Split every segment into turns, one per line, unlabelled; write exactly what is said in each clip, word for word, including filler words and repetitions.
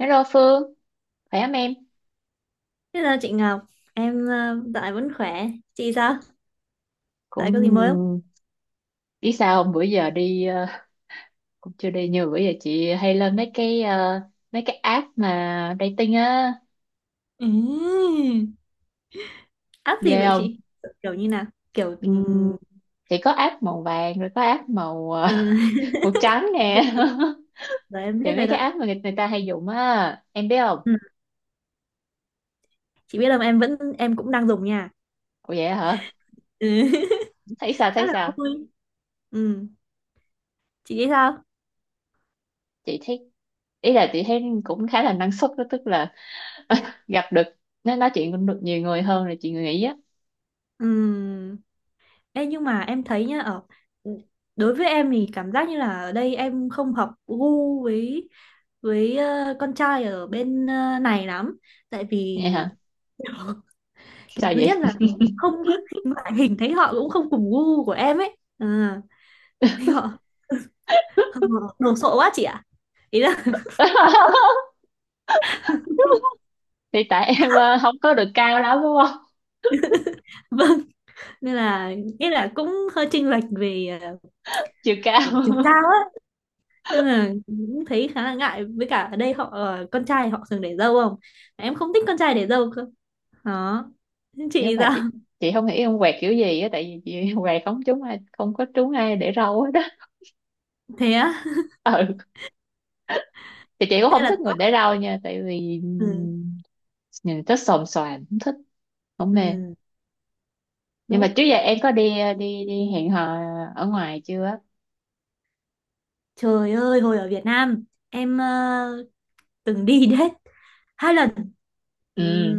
Hello Phương, khỏe không em?
Hello chị Ngọc, em ờ, dạo này vẫn khỏe. Chị sao? Dạo này có gì mới không?
Cũng biết sao không? Bữa giờ đi ờ, cũng chưa đi nhiều bữa giờ chị hay lên mấy cái ờ, mấy cái app mà dating á,
Ừm, App gì
ghê
vậy
không?
chị? Kiểu như nào? Kiểu
Ừm,
ừm,
Chị có app màu vàng rồi có app màu ờ,
ờ,
màu trắng nè.
ok, rồi em biết
Thì
rồi
mấy
đó.
cái app mà người, người ta hay dùng á, em biết không?
Ừ. Chị biết là em vẫn em cũng đang dùng nha.
Ủa vậy hả?
Ừ.
Thấy sao
Khá
thấy
là
sao?
vui. Ừ. Chị nghĩ sao?
Chị thấy, ý là chị thấy cũng khá là năng suất đó, tức là gặp được, nói nói chuyện được nhiều người hơn là chị nghĩ á.
Ừ. Ê, nhưng mà em thấy nhá, ở ừ, đối với em thì cảm giác như là ở đây em không hợp gu với với ờ, con trai ở bên ờ, này lắm. Tại vì
Nghe hả?
kiểu
Sao
thứ nhất
vậy?
là không ngoại hình thấy họ cũng không cùng gu của em ấy à, thấy họ, họ đồ sộ quá chị ạ, ý là
Thì tại em ờ, không có được cao lắm đúng không,
vâng, nên là nghĩa là cũng hơi chênh lệch về
chiều cao
ờ, chiều cao á, nên là cũng thấy khá là ngại, với cả ở đây họ ờ, con trai họ thường để râu không, em không thích con trai để râu cơ, đó,
nhưng
chị
mà
sao?
chị chị không nghĩ ông quẹt kiểu gì á, tại vì chị quẹt không trúng ai, không có trúng ai để râu hết á.
Thế á?
Ừ thì chị cũng
Thế
không
là
thích người để râu nha, tại vì
ừ,
ừm, nhìn rất xồm xoàm, không thích, không mê.
ừ,
Nhưng mà
đúng.
trước giờ em có đi ờ, đi đi hẹn hò ở ngoài chưa?
Trời ơi, hồi ở Việt Nam em ờ, từng đi đến hai lần. Ừ.
Ừ.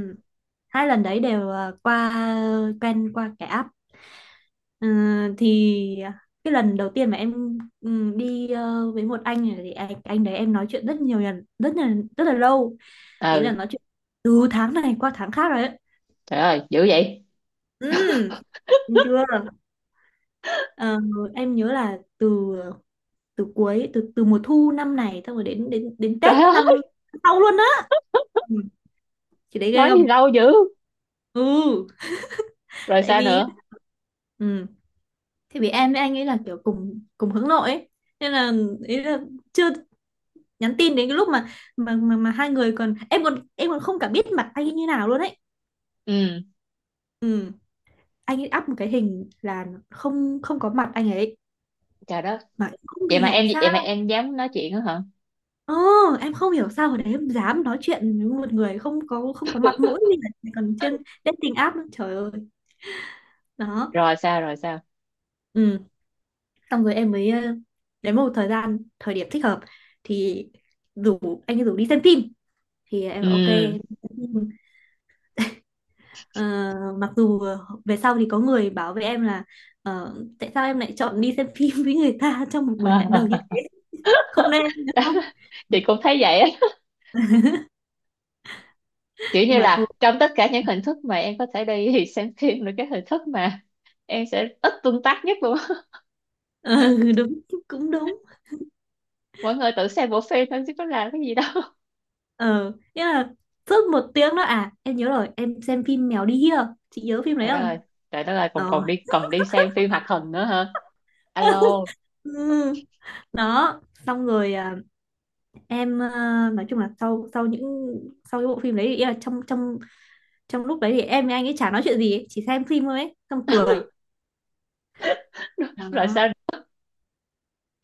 Hai lần đấy đều, à, qua quen qua cái app. Ờ, thì cái lần đầu tiên mà em ừ, đi ờ, với một anh này, thì anh, anh đấy em nói chuyện rất nhiều lần, rất là rất là lâu, ý là
Ừ.
nói chuyện từ tháng này qua tháng khác rồi đấy.
Trời ơi dữ vậy.
Ừ. Đúng chưa. Ờ, em nhớ là từ từ cuối, từ từ mùa thu năm này xong rồi đến đến đến
Trời
Tết năm
ơi,
sau luôn á. Ừ, chị đấy ghê
nói gì
không.
lâu dữ.
Ừ
Rồi
tại
sao
vì
nữa?
ừ, thì vì em với anh ấy là kiểu cùng cùng hướng nội ấy. Nên là, ý là chưa, nhắn tin đến cái lúc mà mà mà, mà hai người còn, em còn em còn không cả biết mặt anh ấy như nào luôn ấy.
Ừ.
Ừ. Anh ấy up một cái hình là không không có mặt anh ấy,
Trời đất.
mà em không
vậy mà
hiểu
em
sao.
vậy mà em dám nói chuyện đó hả?
ờ, em không hiểu sao hồi đấy em dám nói chuyện với một người không có không có mặt mũi gì cả, còn trên dating app nữa. Trời ơi. Đó.
Rồi sao, rồi sao?
Ừ xong rồi em mới ờ, đến một thời gian thời điểm thích hợp thì rủ, anh ấy rủ đi xem phim, thì em bảo ok
Ừ.
em xem phim. Ờ, mặc dù về sau thì có người bảo với em là ờ, tại sao em lại chọn đi xem phim với người ta trong một buổi hẹn đầu như thế, không nên đúng không.
Chị cũng thấy vậy á, kiểu như
Mà thôi,
là trong tất cả những hình thức mà em có thể đi thì xem phim là cái hình thức mà em sẽ ít tương tác nhất luôn.
ừ, đúng, cũng đúng.
Mọi người tự xem bộ phim thôi chứ có làm cái gì đâu.
ờ Nghĩa là suốt một tiếng đó, à em nhớ rồi, em xem phim Mèo đi hia, chị nhớ phim đấy
Trời đất ơi.
không.
Trời đất ơi, còn
ờ
còn đi còn đi xem phim hoạt hình nữa hả? Alo.
ừ. Đó. Xong rồi, à, em ờ, nói chung là sau sau những sau cái bộ phim đấy thì, ý là trong trong trong lúc đấy thì em với anh ấy chả nói chuyện gì ấy, chỉ xem phim thôi ấy xong cười.
Rồi sao?
Đó.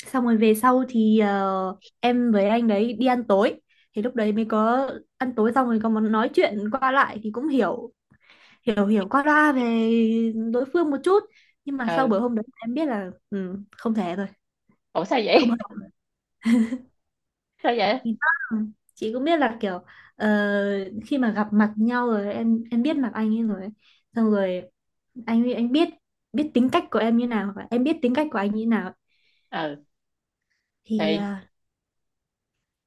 Xong rồi về sau thì ờ, em với anh đấy đi ăn tối, thì lúc đấy mới có, ăn tối xong rồi có món nói chuyện qua lại thì cũng hiểu, hiểu hiểu qua loa về đối phương một chút. Nhưng mà sau
Ừ.
bữa hôm đấy em biết là ừ, không thể rồi,
Ủa sao
không
vậy?
hợp.
Sao vậy?
Thì đó, chị cũng biết là kiểu ờ, khi mà gặp mặt nhau rồi em em biết mặt anh ấy rồi ấy. Xong rồi anh ấy anh biết biết tính cách của em như nào và em biết tính cách của anh như nào,
Ừ
thì
thì
à,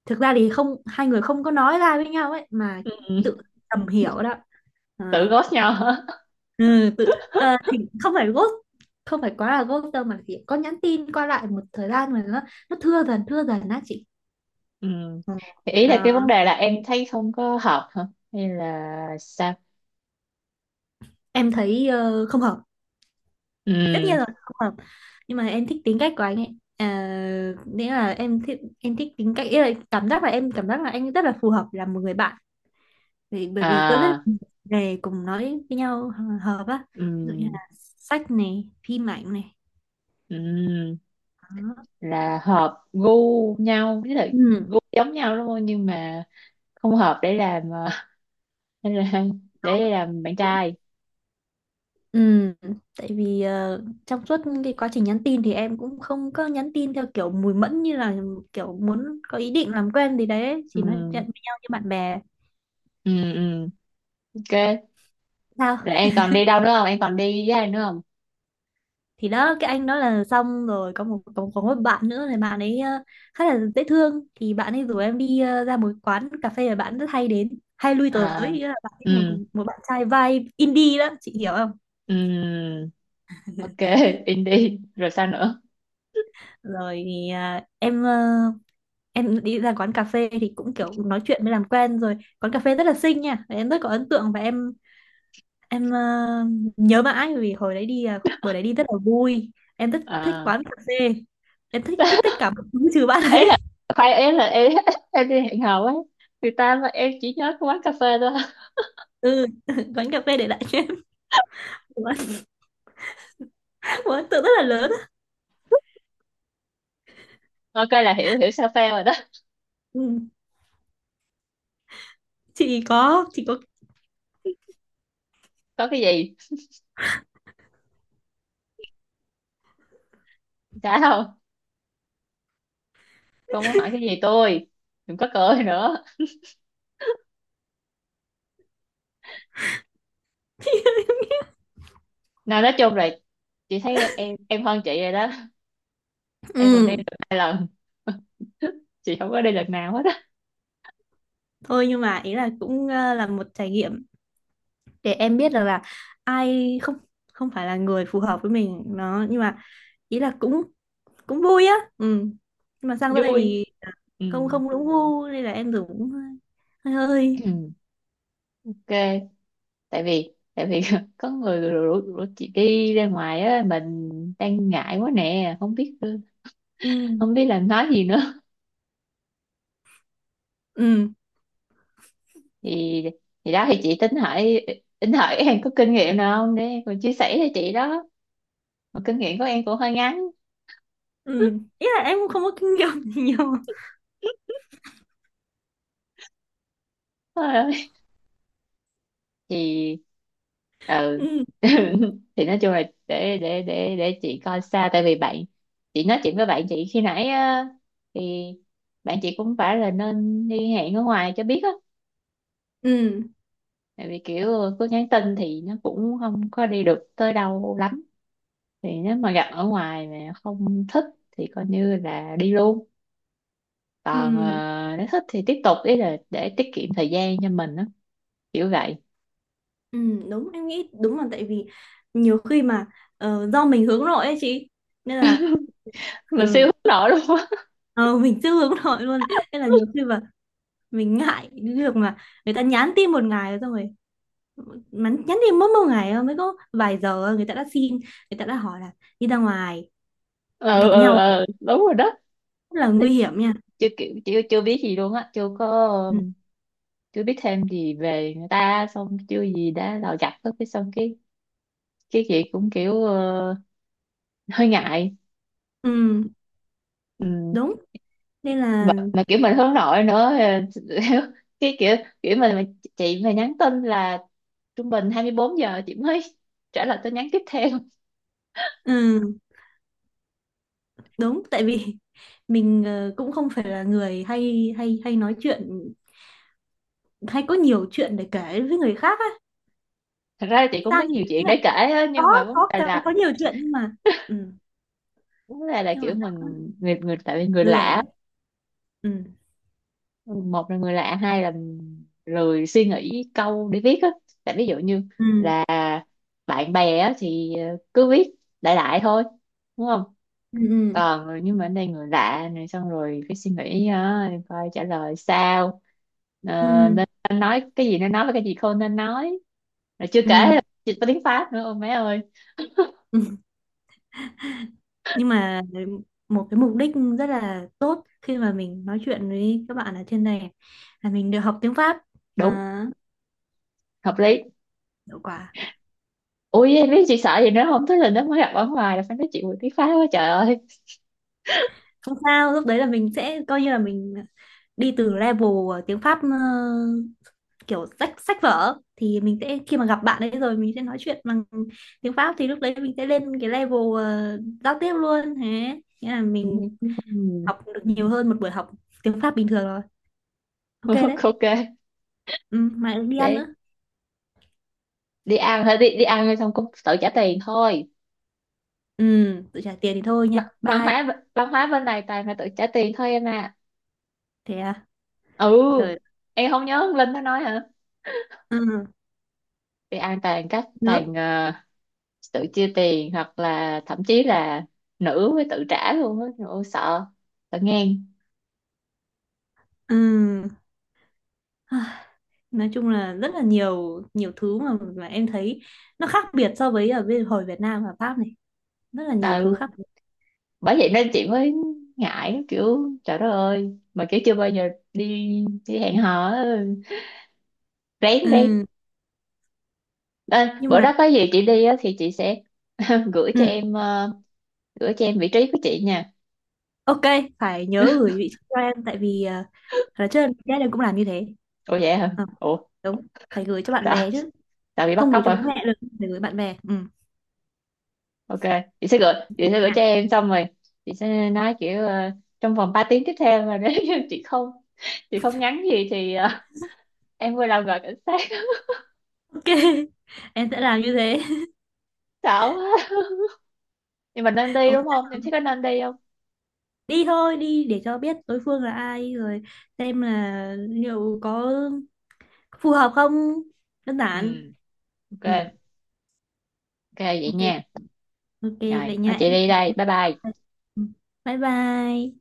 thực ra thì không hai người không có nói ra với nhau ấy mà,
ừ, ừ,
tự tầm hiểu đó.
tự
Ờ,
ghost nhau hả?
ừ, tự ờ, thì không phải ghost, không phải quá là ghost đâu, mà chỉ có nhắn tin qua lại một thời gian mà nó nó thưa dần, thưa dần á chị.
Ừ.
Ờ,
Thì ý là cái
ờ,
vấn đề là em thấy không có hợp hả, hay là sao?
em thấy ờ, không hợp,
Ừ.
tất nhiên rồi, không hợp. Nhưng mà em thích tính cách của anh ấy, à, nghĩa là em thích em thích tính cách, ý là cảm giác là em cảm giác là anh rất là phù hợp làm một người bạn, vì bởi vì có rất là
À.
nhiều về cùng nói với nhau, hợp á, ví dụ như
Ừ.
là sách này, phim ảnh này.
Ừm,
Đó.
là hợp gu nhau, với lại
Ừ.
gu giống nhau đúng không, nhưng mà không hợp để làm ờ, để làm, để làm bạn trai.
Ừ. Tại vì ờ, trong suốt cái quá trình nhắn tin thì em cũng không có nhắn tin theo kiểu mùi mẫn, như là kiểu muốn có ý định làm quen gì đấy, chỉ nói chuyện
Ừm,
với nhau như bạn bè.
ừm, ừm, ok.
Sao?
Rồi em còn đi đâu nữa không, em còn đi với ai nữa không?
Thì đó, cái anh đó là xong rồi có một có, có một bạn nữa, thì bạn ấy ờ, khá là dễ thương, thì bạn ấy rủ em đi ờ, ra một quán cà phê mà bạn rất hay đến, hay lui tới,
À.
ý là bạn ấy một
Ừm,
một bạn trai vibe indie đó, chị hiểu không.
ừm, ok. In đi rồi sao nữa?
Rồi thì à, em ờ, em đi ra quán cà phê thì cũng kiểu nói chuyện mới làm quen, rồi quán cà phê rất là xinh nha, và em rất có ấn tượng và em em ờ, nhớ mãi, vì hồi đấy đi, à, buổi đấy đi rất là vui. Em rất thích
À.
quán cà phê, em thích thích tất cả mọi thứ trừ bạn
Ấy
ấy.
là, khoan, ấy là em em đi hẹn hò ấy, người ta mà em chỉ nhớ cái quán cà phê thôi?
Ừ. Quán cà phê để lại cho em một một ấn tượng rất là lớn á.
Ok là hiểu, hiểu sao phê rồi đó.
Ừ. chị có chị có.
Có cái gì trả không? Cô muốn hỏi cái gì tôi? Đừng có cười nữa. Nào, nói chung là chị thấy em em hơn chị rồi đó. Em còn đi
Ừ.
được hai lần, chị không có đi lần nào hết á.
Thôi, nhưng mà ý là cũng ờ, là một trải nghiệm để em biết được là ai, không không phải là người phù hợp với mình, nó, nhưng mà ý là cũng cũng vui á. Ừ. Nhưng mà sang đây
Vui.
thì à,
Ừ.
không không đúng gu nên là em dùng cũng hơi hơi hơi.
Ok. Tại vì tại vì có người rủ, rủ chị đi ra ngoài á, mình đang ngại quá nè, không biết,
Ừ.
không biết là nói gì nữa.
Ừ.
thì thì đó, thì chị tính hỏi, tính hỏi em có kinh nghiệm nào không để em còn chia sẻ cho chị đó, mà kinh nghiệm của em cũng hơi ngắn.
Ừ. Ý là em cũng không có kinh nghiệm gì nhiều.
Thì ừ.
Ừ.
Thì nói chung là để để để để chị coi xa, tại vì bạn chị nói chuyện với bạn chị khi nãy á, thì bạn chị cũng phải là nên đi hẹn ở ngoài cho biết á,
Ừ.
tại vì kiểu cứ nhắn tin thì nó cũng không có đi được tới đâu lắm. Thì nếu mà gặp ở ngoài mà không thích thì coi như là đi luôn, còn
Ừ.
ờ, nếu thích thì tiếp tục, ý là để tiết kiệm thời gian cho mình á. Kiểu vậy.
Ừ, đúng, em nghĩ đúng, là tại vì nhiều khi mà ờ, do mình hướng nội ấy chị, nên là
Mình siêu hướng
ừ,
nội luôn á.
ờ, mình chưa hướng nội luôn, nên là nhiều khi mà mình ngại cái việc mà người ta nhắn tin một ngày rồi xong rồi, mà nhắn tin mỗi một ngày thôi, mới có vài giờ thôi, người ta đã xin người ta đã hỏi là đi ra ngoài
Ừ,
gặp
ừ,
nhau,
ừ, đúng rồi đó.
rất là nguy hiểm nha.
Chưa, kiểu chưa chưa biết gì luôn á, chưa có
Ừ,
um, chưa biết thêm gì về người ta, xong chưa gì đã là gặp hết, cái xong cái cái chị cũng kiểu ờ, hơi ngại.
ừ,
Ừ.
đúng. Nên là
mà, mà kiểu mình hướng nội nữa ờ, cái kiểu, kiểu mình mà, chị mà nhắn tin là trung bình hai mươi bốn giờ chị mới trả lời tin nhắn tiếp theo.
ừ, đúng. Tại vì mình ờ, cũng không phải là người hay hay hay nói chuyện, hay có nhiều chuyện để kể với người khác á.
Thật ra là chị cũng
Sao
có
nhỉ?
nhiều chuyện
Ý là
để kể á,
có
nhưng mà vấn
có
đề là,
có nhiều chuyện nhưng mà. Ừ.
vấn đề là
Nhưng
kiểu
mà sao cũng
mình, người, người, tại vì người
lười
lạ.
á. Ừ.
Một là người lạ, hai là lười suy nghĩ câu để viết á. Tại ví dụ như
Ừ.
là bạn bè á thì ờ, cứ viết đại đại thôi, đúng không,
Ừ. Ừ.
còn nhưng mà ở đây người lạ này, xong rồi cái suy nghĩ á, coi trả lời sao. Ờ,
Ừ.
nên, nên nói cái gì nên nói và cái gì không nên nói. Rồi chưa kể
Ừ.
là chị tiếng Pháp nữa, ôi má ơi.
Ừ. Nhưng mà một cái mục đích rất là tốt khi mà mình nói chuyện với các bạn ở trên này là mình được học tiếng Pháp.
Đúng.
à,
Hợp lý.
Hiệu quả.
Ui, biết chị sợ gì nữa không, thế là nó mới gặp ở ngoài là phải nói chuyện với tiếng Pháp quá, trời ơi.
Không sao, lúc đấy là mình sẽ coi như là mình đi từ level ờ, tiếng Pháp ờ, kiểu sách sách vở thì mình sẽ, khi mà gặp bạn ấy rồi mình sẽ nói chuyện bằng tiếng Pháp, thì lúc đấy mình sẽ lên cái level ờ, giao tiếp luôn, thế nghĩa là
Ừ.
mình học được nhiều hơn một buổi học tiếng Pháp bình thường rồi. Ok đấy.
Ok
Ừ, mà đi ăn
để
nữa.
đi ăn thôi, đi đi ăn xong cũng tự trả tiền thôi.
Ừ, tự trả tiền thì thôi nha,
Văn văn
bye.
hóa văn hóa bên này toàn là tự trả tiền thôi em à.
Thế à?
Ừ.
Trời.
Em không nhớ ông Linh nó nói hả?
Ừ,
Đi ăn toàn các,
nữa.
toàn ờ, tự chia tiền, hoặc là thậm chí là nữ với tự trả luôn á. Trời ơi, sợ, sợ ngang.
Ừ. Ai, nói chung là rất là nhiều nhiều thứ mà mà em thấy nó khác biệt so với ở bên hồi Việt Nam và Pháp này, rất là nhiều thứ
Ừ.
khác.
Bởi vậy nên chị mới ngại, kiểu trời đất ơi, mà kiểu chưa bao giờ đi đi hẹn hò á, rén đi.
Ừ,
À,
nhưng
bữa
mà.
đó có gì chị đi á thì chị sẽ gửi cho
Ừ.
em ờ, gửi cho em vị trí của chị nha.
Ok, phải nhớ gửi vị trí cho em, tại vì uh, là trước em em cũng làm như thế.
Ủa vậy hả?
Ờ,
Ủa,
đúng, phải gửi cho bạn
sao?
bè chứ,
Sao bị bắt
không gửi
cóc
cho bố
hả?
mẹ được, phải gửi bạn bè. Ừ.
Ok, chị sẽ gửi, chị sẽ gửi
Dạ.
cho em, xong rồi chị sẽ nói kiểu ờ, trong vòng ba tiếng tiếp theo mà nếu như chị không chị không nhắn gì thì ờ, em vừa làm gọi cảnh sát.
Ok, em sẽ làm như thế.
Xạo quá. Nhưng mà nên đi
Không,
đúng không? Em thấy có nên đi không?
đi thôi, đi để cho biết đối phương là ai rồi xem là liệu có phù hợp không, đơn
Ừ,
giản.
ok,
Ừ,
ok vậy
ok,
nha.
ok
Rồi,
vậy
thôi
nha
chị
em.
đi đây. Bye bye.
Ừ. Bye bye.